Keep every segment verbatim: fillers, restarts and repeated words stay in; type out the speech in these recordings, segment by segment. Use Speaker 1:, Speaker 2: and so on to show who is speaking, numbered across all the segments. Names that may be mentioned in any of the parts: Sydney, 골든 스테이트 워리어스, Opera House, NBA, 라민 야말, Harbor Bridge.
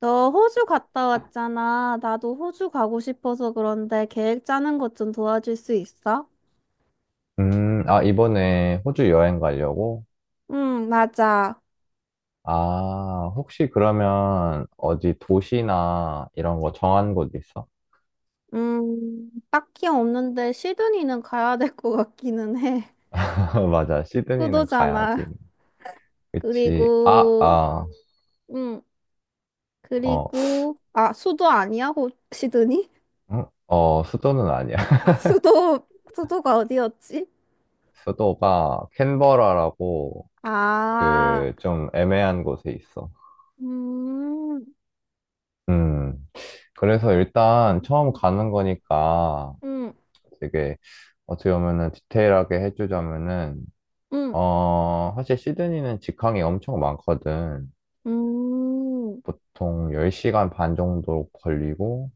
Speaker 1: 너 호주 갔다 왔잖아. 나도 호주 가고 싶어서, 그런데 계획 짜는 것 좀 도와줄 수 있어?
Speaker 2: 음, 아, 이번에 호주 여행 가려고?
Speaker 1: 응, 맞아.
Speaker 2: 아, 혹시 그러면 어디 도시나 이런 거 정한 곳 있어?
Speaker 1: 음, 딱히 없는데 시드니는 가야 될 것 같기는 해.
Speaker 2: 맞아, 시드니는 가야지.
Speaker 1: 수도잖아.
Speaker 2: 그치. 아,
Speaker 1: 그리고,
Speaker 2: 아,
Speaker 1: 응,
Speaker 2: 어,
Speaker 1: 그리고, 아, 수도 아니야? 호, 시드니?
Speaker 2: 음? 어, 수도는 아니야.
Speaker 1: 아, 수도, 수도가 어디였지?
Speaker 2: 수도가 캔버라라고
Speaker 1: 아,
Speaker 2: 그 좀 애매한 곳에 있어.
Speaker 1: 음,
Speaker 2: 음, 그래서 일단 처음 가는 거니까
Speaker 1: 음,
Speaker 2: 되게 어떻게 보면은 디테일하게 해주자면은
Speaker 1: 음,
Speaker 2: 어, 사실 시드니는 직항이 엄청 많거든.
Speaker 1: 음,
Speaker 2: 보통 열 시간 반 정도 걸리고,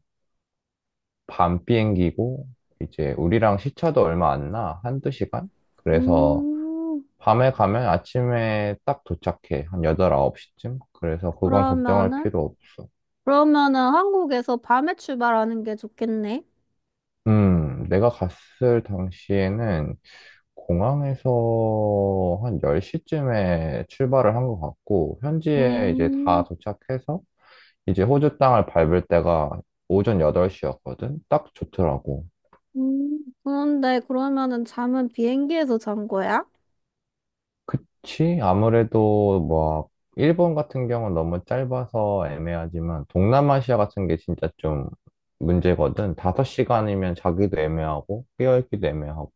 Speaker 2: 밤 비행기고, 이제 우리랑 시차도 얼마 안 나. 한두 시간? 그래서
Speaker 1: 음.
Speaker 2: 밤에 가면 아침에 딱 도착해. 한 여덟, 아홉 시쯤? 그래서 그건 걱정할
Speaker 1: 그러면은?
Speaker 2: 필요 없어.
Speaker 1: 그러면은 한국에서 밤에 출발하는 게 좋겠네.
Speaker 2: 음, 내가 갔을 당시에는 공항에서 한 열 시쯤에 출발을 한 것 같고, 현지에 이제 다
Speaker 1: 음,
Speaker 2: 도착해서 이제 호주 땅을 밟을 때가 오전 여덟 시였거든? 딱 좋더라고.
Speaker 1: 음, 그런데 그러면은 잠은 비행기에서 잔 거야?
Speaker 2: 그치? 아무래도 뭐, 일본 같은 경우는 너무 짧아서 애매하지만, 동남아시아 같은 게 진짜 좀 문제거든? 다섯 시간이면 자기도 애매하고, 깨어있기도 애매하고.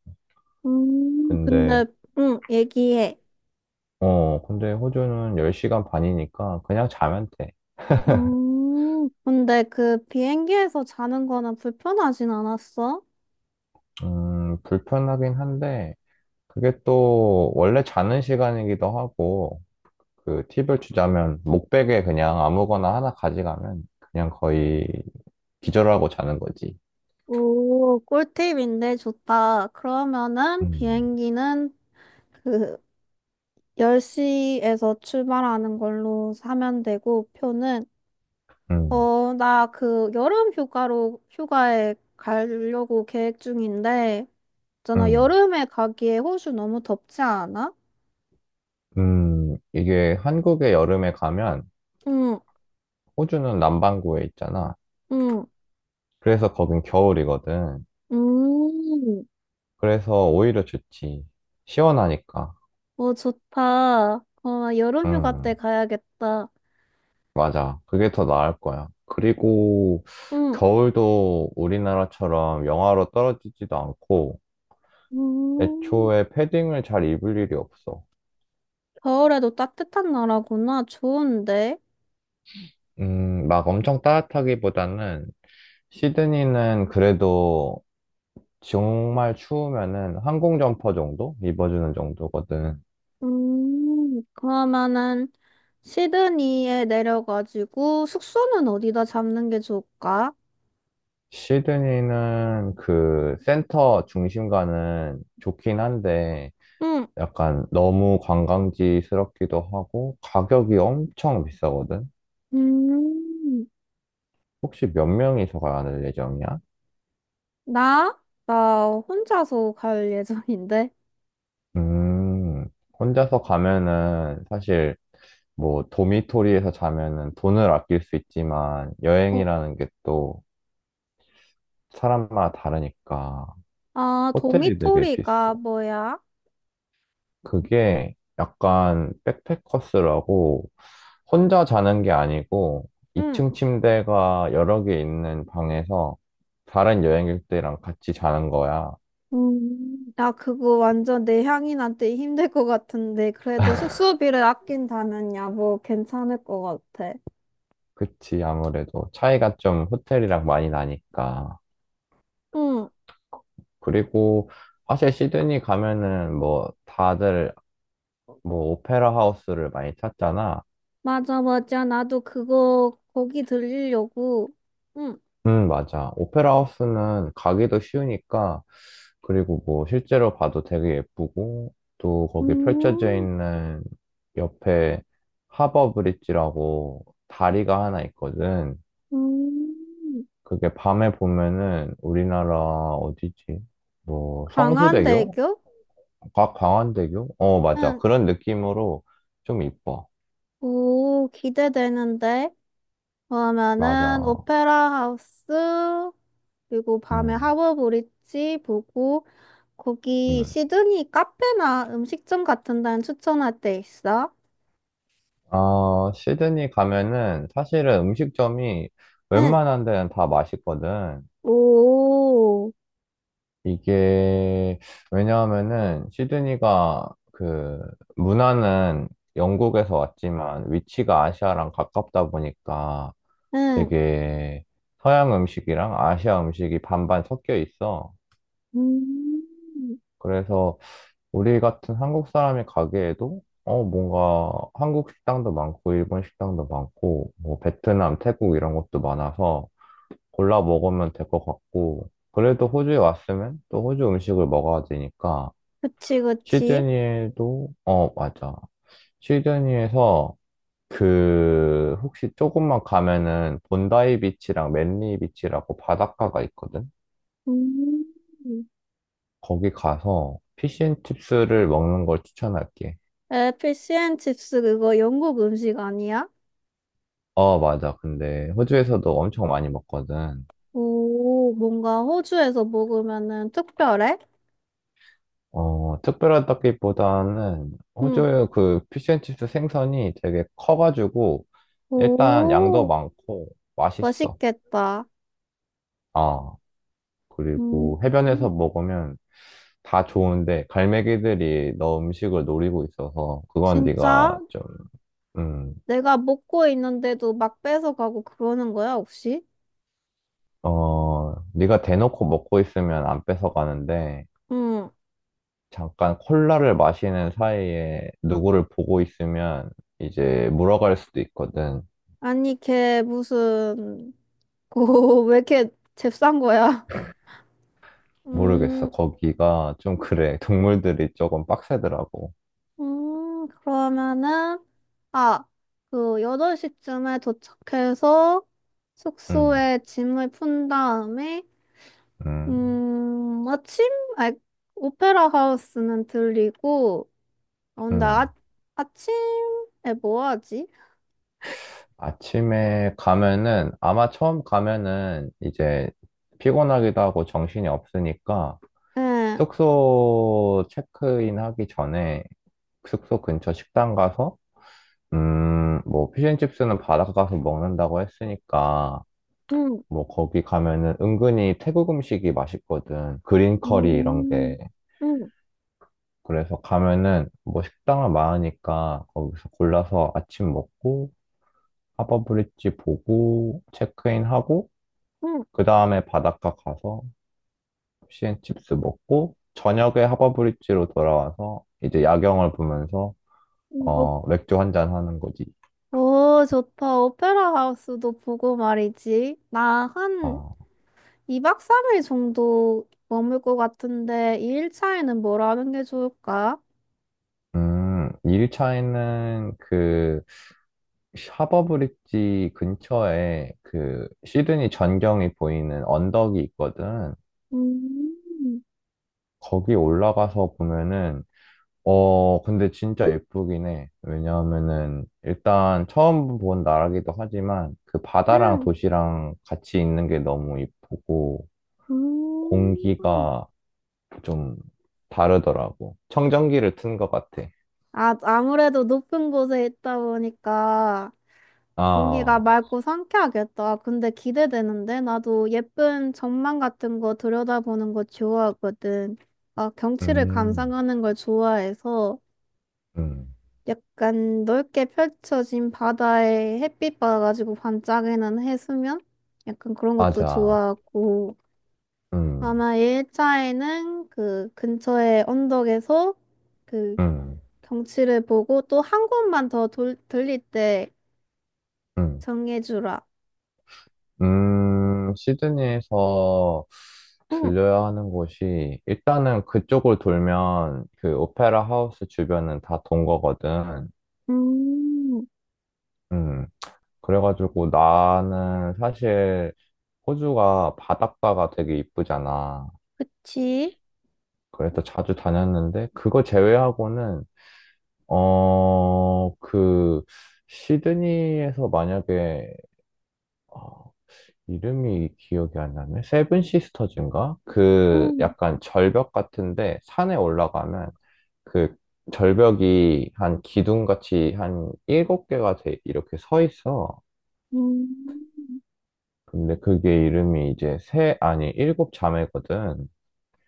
Speaker 1: 음,
Speaker 2: 근데,
Speaker 1: 근데 응, 얘기해.
Speaker 2: 어, 근데 호주는 열 시간 반이니까 그냥 자면 돼.
Speaker 1: 음. 근데 그 비행기에서 자는 거는 불편하진 않았어?
Speaker 2: 음, 불편하긴 한데, 그게 또 원래 자는 시간이기도 하고, 그 팁을 주자면 목베개 그냥 아무거나 하나 가져가면 그냥 거의 기절하고 자는 거지.
Speaker 1: 오, 꿀팁인데 좋다. 그러면은
Speaker 2: 음.
Speaker 1: 비행기는 그 열 시에서 출발하는 걸로 사면 되고, 표는,
Speaker 2: 음.
Speaker 1: 어, 나 그 여름 휴가로 휴가에 가려고 계획 중인데, 있잖아,
Speaker 2: 음.
Speaker 1: 여름에 가기에 호주 너무 덥지 않아?
Speaker 2: 음. 이게 한국의 여름에 가면
Speaker 1: 응,
Speaker 2: 호주는 남반구에 있잖아.
Speaker 1: 응,
Speaker 2: 그래서 거긴 겨울이거든.
Speaker 1: 음,
Speaker 2: 그래서 오히려 좋지. 시원하니까.
Speaker 1: 어, 좋다. 어, 여름 휴가 때
Speaker 2: 음,
Speaker 1: 가야겠다.
Speaker 2: 맞아. 그게 더 나을 거야. 그리고
Speaker 1: 응,
Speaker 2: 겨울도 우리나라처럼 영하로 떨어지지도 않고
Speaker 1: 음,
Speaker 2: 애초에 패딩을 잘 입을 일이 없어.
Speaker 1: 겨울에도 따뜻한 나라구나. 좋은데?
Speaker 2: 음, 막 엄청 따뜻하기보다는 시드니는 그래도 정말 추우면은 항공 점퍼 정도 입어주는 정도거든.
Speaker 1: 음, 그러면은 시드니에 내려가지고 숙소는 어디다 잡는 게 좋을까?
Speaker 2: 시드니는 그 센터 중심가는 좋긴 한데
Speaker 1: 응,
Speaker 2: 약간 너무 관광지스럽기도 하고 가격이 엄청 비싸거든.
Speaker 1: 음.
Speaker 2: 혹시 몇 명이서 가야 할 예정이야?
Speaker 1: 나? 나 혼자서 갈 예정인데.
Speaker 2: 음, 혼자서 가면은 사실 뭐 도미토리에서 자면은 돈을 아낄 수 있지만
Speaker 1: 어,
Speaker 2: 여행이라는 게 또 사람마다 다르니까
Speaker 1: 아,
Speaker 2: 호텔이 되게 비싸.
Speaker 1: 도미토리가 뭐야?
Speaker 2: 그게 약간 백패커스라고 혼자 자는 게 아니고
Speaker 1: 응.
Speaker 2: 이 층 침대가 여러 개 있는 방에서 다른 여행객들이랑 같이 자는 거야.
Speaker 1: 음, 나 그거 완전 내 향인한테 힘들 것 같은데. 그래도 숙소비를 아낀다면 야, 뭐 괜찮을 것 같아.
Speaker 2: 그치, 아무래도 차이가 좀 호텔이랑 많이 나니까.
Speaker 1: 응.
Speaker 2: 그리고 사실 시드니 가면은 뭐 다들 뭐 오페라 하우스를 많이 찾잖아.
Speaker 1: 맞아, 맞아. 나도 그거 거기 들리려고. 응.
Speaker 2: 음, 맞아. 오페라 하우스는 가기도 쉬우니까 그리고 뭐 실제로 봐도 되게 예쁘고 또 거기 펼쳐져
Speaker 1: 음,
Speaker 2: 있는 옆에 하버 브릿지라고 다리가 하나 있거든.
Speaker 1: 음,
Speaker 2: 그게 밤에 보면은 우리나라 어디지? 뭐 성수대교?
Speaker 1: 강한대교?
Speaker 2: 과- 광안대교? 어, 맞아.
Speaker 1: 응.
Speaker 2: 그런 느낌으로 좀 이뻐.
Speaker 1: 오, 기대되는데. 그러면은
Speaker 2: 맞아.
Speaker 1: 오페라 하우스 그리고 밤에
Speaker 2: 음.
Speaker 1: 하버 브릿지 보고, 거기
Speaker 2: 음.
Speaker 1: 시드니 카페나 음식점 같은 데는 추천할 데 있어?
Speaker 2: 어, 시드니 가면은 사실은 음식점이
Speaker 1: 응.
Speaker 2: 웬만한 데는 다 맛있거든.
Speaker 1: 오.
Speaker 2: 이게, 왜냐하면은 시드니가 그 문화는 영국에서 왔지만 위치가 아시아랑 가깝다 보니까
Speaker 1: 응.
Speaker 2: 되게 서양 음식이랑 아시아 음식이 반반 섞여 있어.
Speaker 1: 음.
Speaker 2: 그래서 우리 같은 한국 사람이 가기에도 어, 뭔가 한국 식당도 많고, 일본 식당도 많고, 뭐 베트남, 태국 이런 것도 많아서 골라 먹으면 될 것 같고, 그래도 호주에 왔으면 또 호주 음식을 먹어야 되니까,
Speaker 1: 그치, 그치.
Speaker 2: 시드니에도, 어, 맞아. 시드니에서 그, 혹시 조금만 가면은 본다이 비치랑 맨리 비치라고 바닷가가 있거든?
Speaker 1: 음.
Speaker 2: 거기 가서 피쉬앤칩스를 먹는 걸 추천할게.
Speaker 1: 에, 피시앤칩스 그거 영국 음식 아니야?
Speaker 2: 어, 맞아. 근데 호주에서도 엄청 많이 먹거든.
Speaker 1: 오, 뭔가 호주에서 먹으면은 특별해?
Speaker 2: 어, 특별하다기보다는
Speaker 1: 응.
Speaker 2: 호주의 그 피쉬앤칩스 생선이 되게 커가지고 일단 양도
Speaker 1: 오,
Speaker 2: 많고 맛있어.
Speaker 1: 맛있겠다.
Speaker 2: 아,
Speaker 1: 음.
Speaker 2: 그리고 해변에서 먹으면 다 좋은데 갈매기들이 너 음식을 노리고 있어서 그건 네가
Speaker 1: 진짜?
Speaker 2: 좀, 음,
Speaker 1: 내가 먹고 있는데도 막 뺏어가고 그러는 거야, 혹시?
Speaker 2: 어, 네가 대놓고 먹고 있으면 안 뺏어가는데
Speaker 1: 응.
Speaker 2: 잠깐 콜라를 마시는 사이에 누구를 보고 있으면 이제 물어갈 수도 있거든.
Speaker 1: 아니, 걔 무슨, 고, 왜 이렇게 잽싼 거야?
Speaker 2: 모르겠어.
Speaker 1: 음,
Speaker 2: 거기가 좀 그래. 동물들이 조금 빡세더라고.
Speaker 1: 음, 그러면은, 아, 그, 여덟 시쯤에 도착해서
Speaker 2: 음.
Speaker 1: 숙소에 짐을 푼 다음에,
Speaker 2: 음.
Speaker 1: 음, 아침? 아, 오페라 하우스는 들리고, 어, 나, 아,
Speaker 2: 음.
Speaker 1: 아침에 뭐 하지?
Speaker 2: 아침에 가면은, 아마 처음 가면은 이제 피곤하기도 하고 정신이 없으니까
Speaker 1: 예.
Speaker 2: 숙소 체크인 하기 전에 숙소 근처 식당 가서, 음, 뭐, 피쉬앤칩스는 바닷가 가서 먹는다고 했으니까,
Speaker 1: 음,
Speaker 2: 뭐, 거기 가면은 은근히 태국 음식이 맛있거든. 그린 커리 이런
Speaker 1: 음,
Speaker 2: 게.
Speaker 1: 음,
Speaker 2: 그래서 가면은 뭐 식당을 많으니까 거기서 골라서 아침 먹고 하버브릿지 보고 체크인하고
Speaker 1: 음,
Speaker 2: 그 다음에 바닷가 가서 피앤칩스 먹고 저녁에 하버브릿지로 돌아와서 이제 야경을 보면서
Speaker 1: 음. 오,
Speaker 2: 어 맥주 한잔 하는 거지.
Speaker 1: 오, 좋다. 오페라 하우스도 보고 말이지. 나 한
Speaker 2: 어,
Speaker 1: 이 박 삼 일 정도 머물 것 같은데, 이 일 차에는 뭘 하는 게 좋을까?
Speaker 2: 음, 일 차에는 그 하버브릿지 근처에 그 시드니 전경이 보이는 언덕이 있거든.
Speaker 1: 음,
Speaker 2: 거기 올라가서 보면은 어, 근데 진짜 예쁘긴 해. 왜냐하면은, 일단 처음 본 나라기도 하지만, 그 바다랑
Speaker 1: 음,
Speaker 2: 도시랑 같이 있는 게 너무 예쁘고,
Speaker 1: 음.
Speaker 2: 공기가 좀 다르더라고. 청정기를 튼 것 같아.
Speaker 1: 아, 아무래도 높은 곳에 있다 보니까 공기가
Speaker 2: 아,
Speaker 1: 맑고 상쾌하겠다. 근데 기대되는데? 나도 예쁜 전망 같은 거 들여다보는 거 좋아하거든. 아, 경치를
Speaker 2: 음.
Speaker 1: 감상하는 걸 좋아해서,
Speaker 2: 음.
Speaker 1: 약간 넓게 펼쳐진 바다에 햇빛 받아가지고 반짝이는 해수면? 약간 그런 것도
Speaker 2: 맞아.
Speaker 1: 좋아하고.
Speaker 2: 음,
Speaker 1: 아마 일 차에는 그 근처의 언덕에서 그
Speaker 2: 음,
Speaker 1: 경치를 보고, 또 한 곳만 더 돌, 들릴 때
Speaker 2: 음,
Speaker 1: 정해주라.
Speaker 2: 음, 시드니에서
Speaker 1: 응.
Speaker 2: 들려야 하는 곳이, 일단은 그쪽을 돌면 그 오페라 하우스 주변은 다 돈 거거든.
Speaker 1: 음.
Speaker 2: 음, 그래가지고 나는 사실 호주가 바닷가가 되게 이쁘잖아.
Speaker 1: 그치?
Speaker 2: 그래서 자주 다녔는데, 그거 제외하고는, 어, 그, 시드니에서 만약에, 어, 이름이 기억이 안 나네? 세븐 시스터즈인가? 그
Speaker 1: 응,
Speaker 2: 약간 절벽 같은데, 산에 올라가면 그 절벽이 한 기둥같이 한 일곱 개가 돼, 이렇게 서 있어.
Speaker 1: 음,
Speaker 2: 근데 그게 이름이 이제 세, 아니, 일곱 자매거든.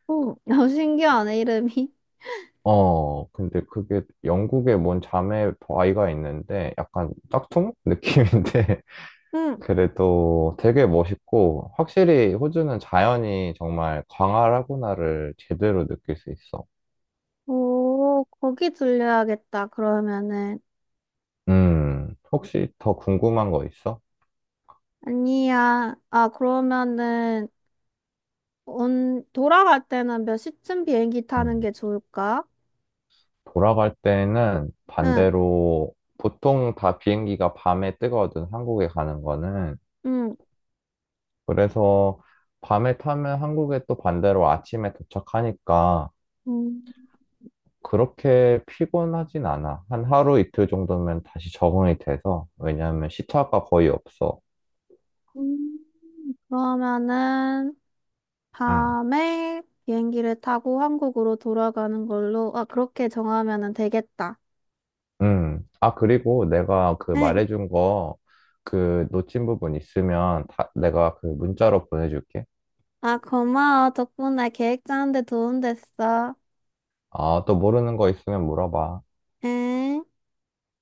Speaker 1: 응, 어, 신기하네, 이름이.
Speaker 2: 어, 근데 그게 영국에 뭔 자매 아이가 있는데 약간 짝퉁 느낌인데
Speaker 1: 응,
Speaker 2: 그래도 되게 멋있고 확실히 호주는 자연이 정말 광활하구나를 제대로 느낄 수 있어.
Speaker 1: 오, 거기 들려야겠다, 그러면은.
Speaker 2: 음, 혹시 더 궁금한 거 있어?
Speaker 1: 아니야. 아, 그러면은, 온, 돌아갈 때는 몇 시쯤 비행기 타는
Speaker 2: 음,
Speaker 1: 게 좋을까?
Speaker 2: 돌아갈 때는
Speaker 1: 응,
Speaker 2: 반대로 보통 다 비행기가 밤에 뜨거든, 한국에 가는 거는.
Speaker 1: 응.
Speaker 2: 그래서 밤에 타면 한국에 또 반대로 아침에 도착하니까
Speaker 1: 음,
Speaker 2: 그렇게 피곤하진 않아. 한 하루 이틀 정도면 다시 적응이 돼서. 왜냐하면 시차가 거의 없어.
Speaker 1: 음, 그러면은,
Speaker 2: 응.
Speaker 1: 밤에 비행기를 타고 한국으로 돌아가는 걸로, 아, 그렇게 정하면은 되겠다.
Speaker 2: 응. 아, 그리고 내가 그
Speaker 1: 응.
Speaker 2: 말해준 거 그 놓친 부분 있으면 다, 내가 그 문자로 보내줄게.
Speaker 1: 아, 고마워. 덕분에 계획 짜는데 도움 됐어.
Speaker 2: 아, 또 모르는 거 있으면 물어봐.
Speaker 1: 응?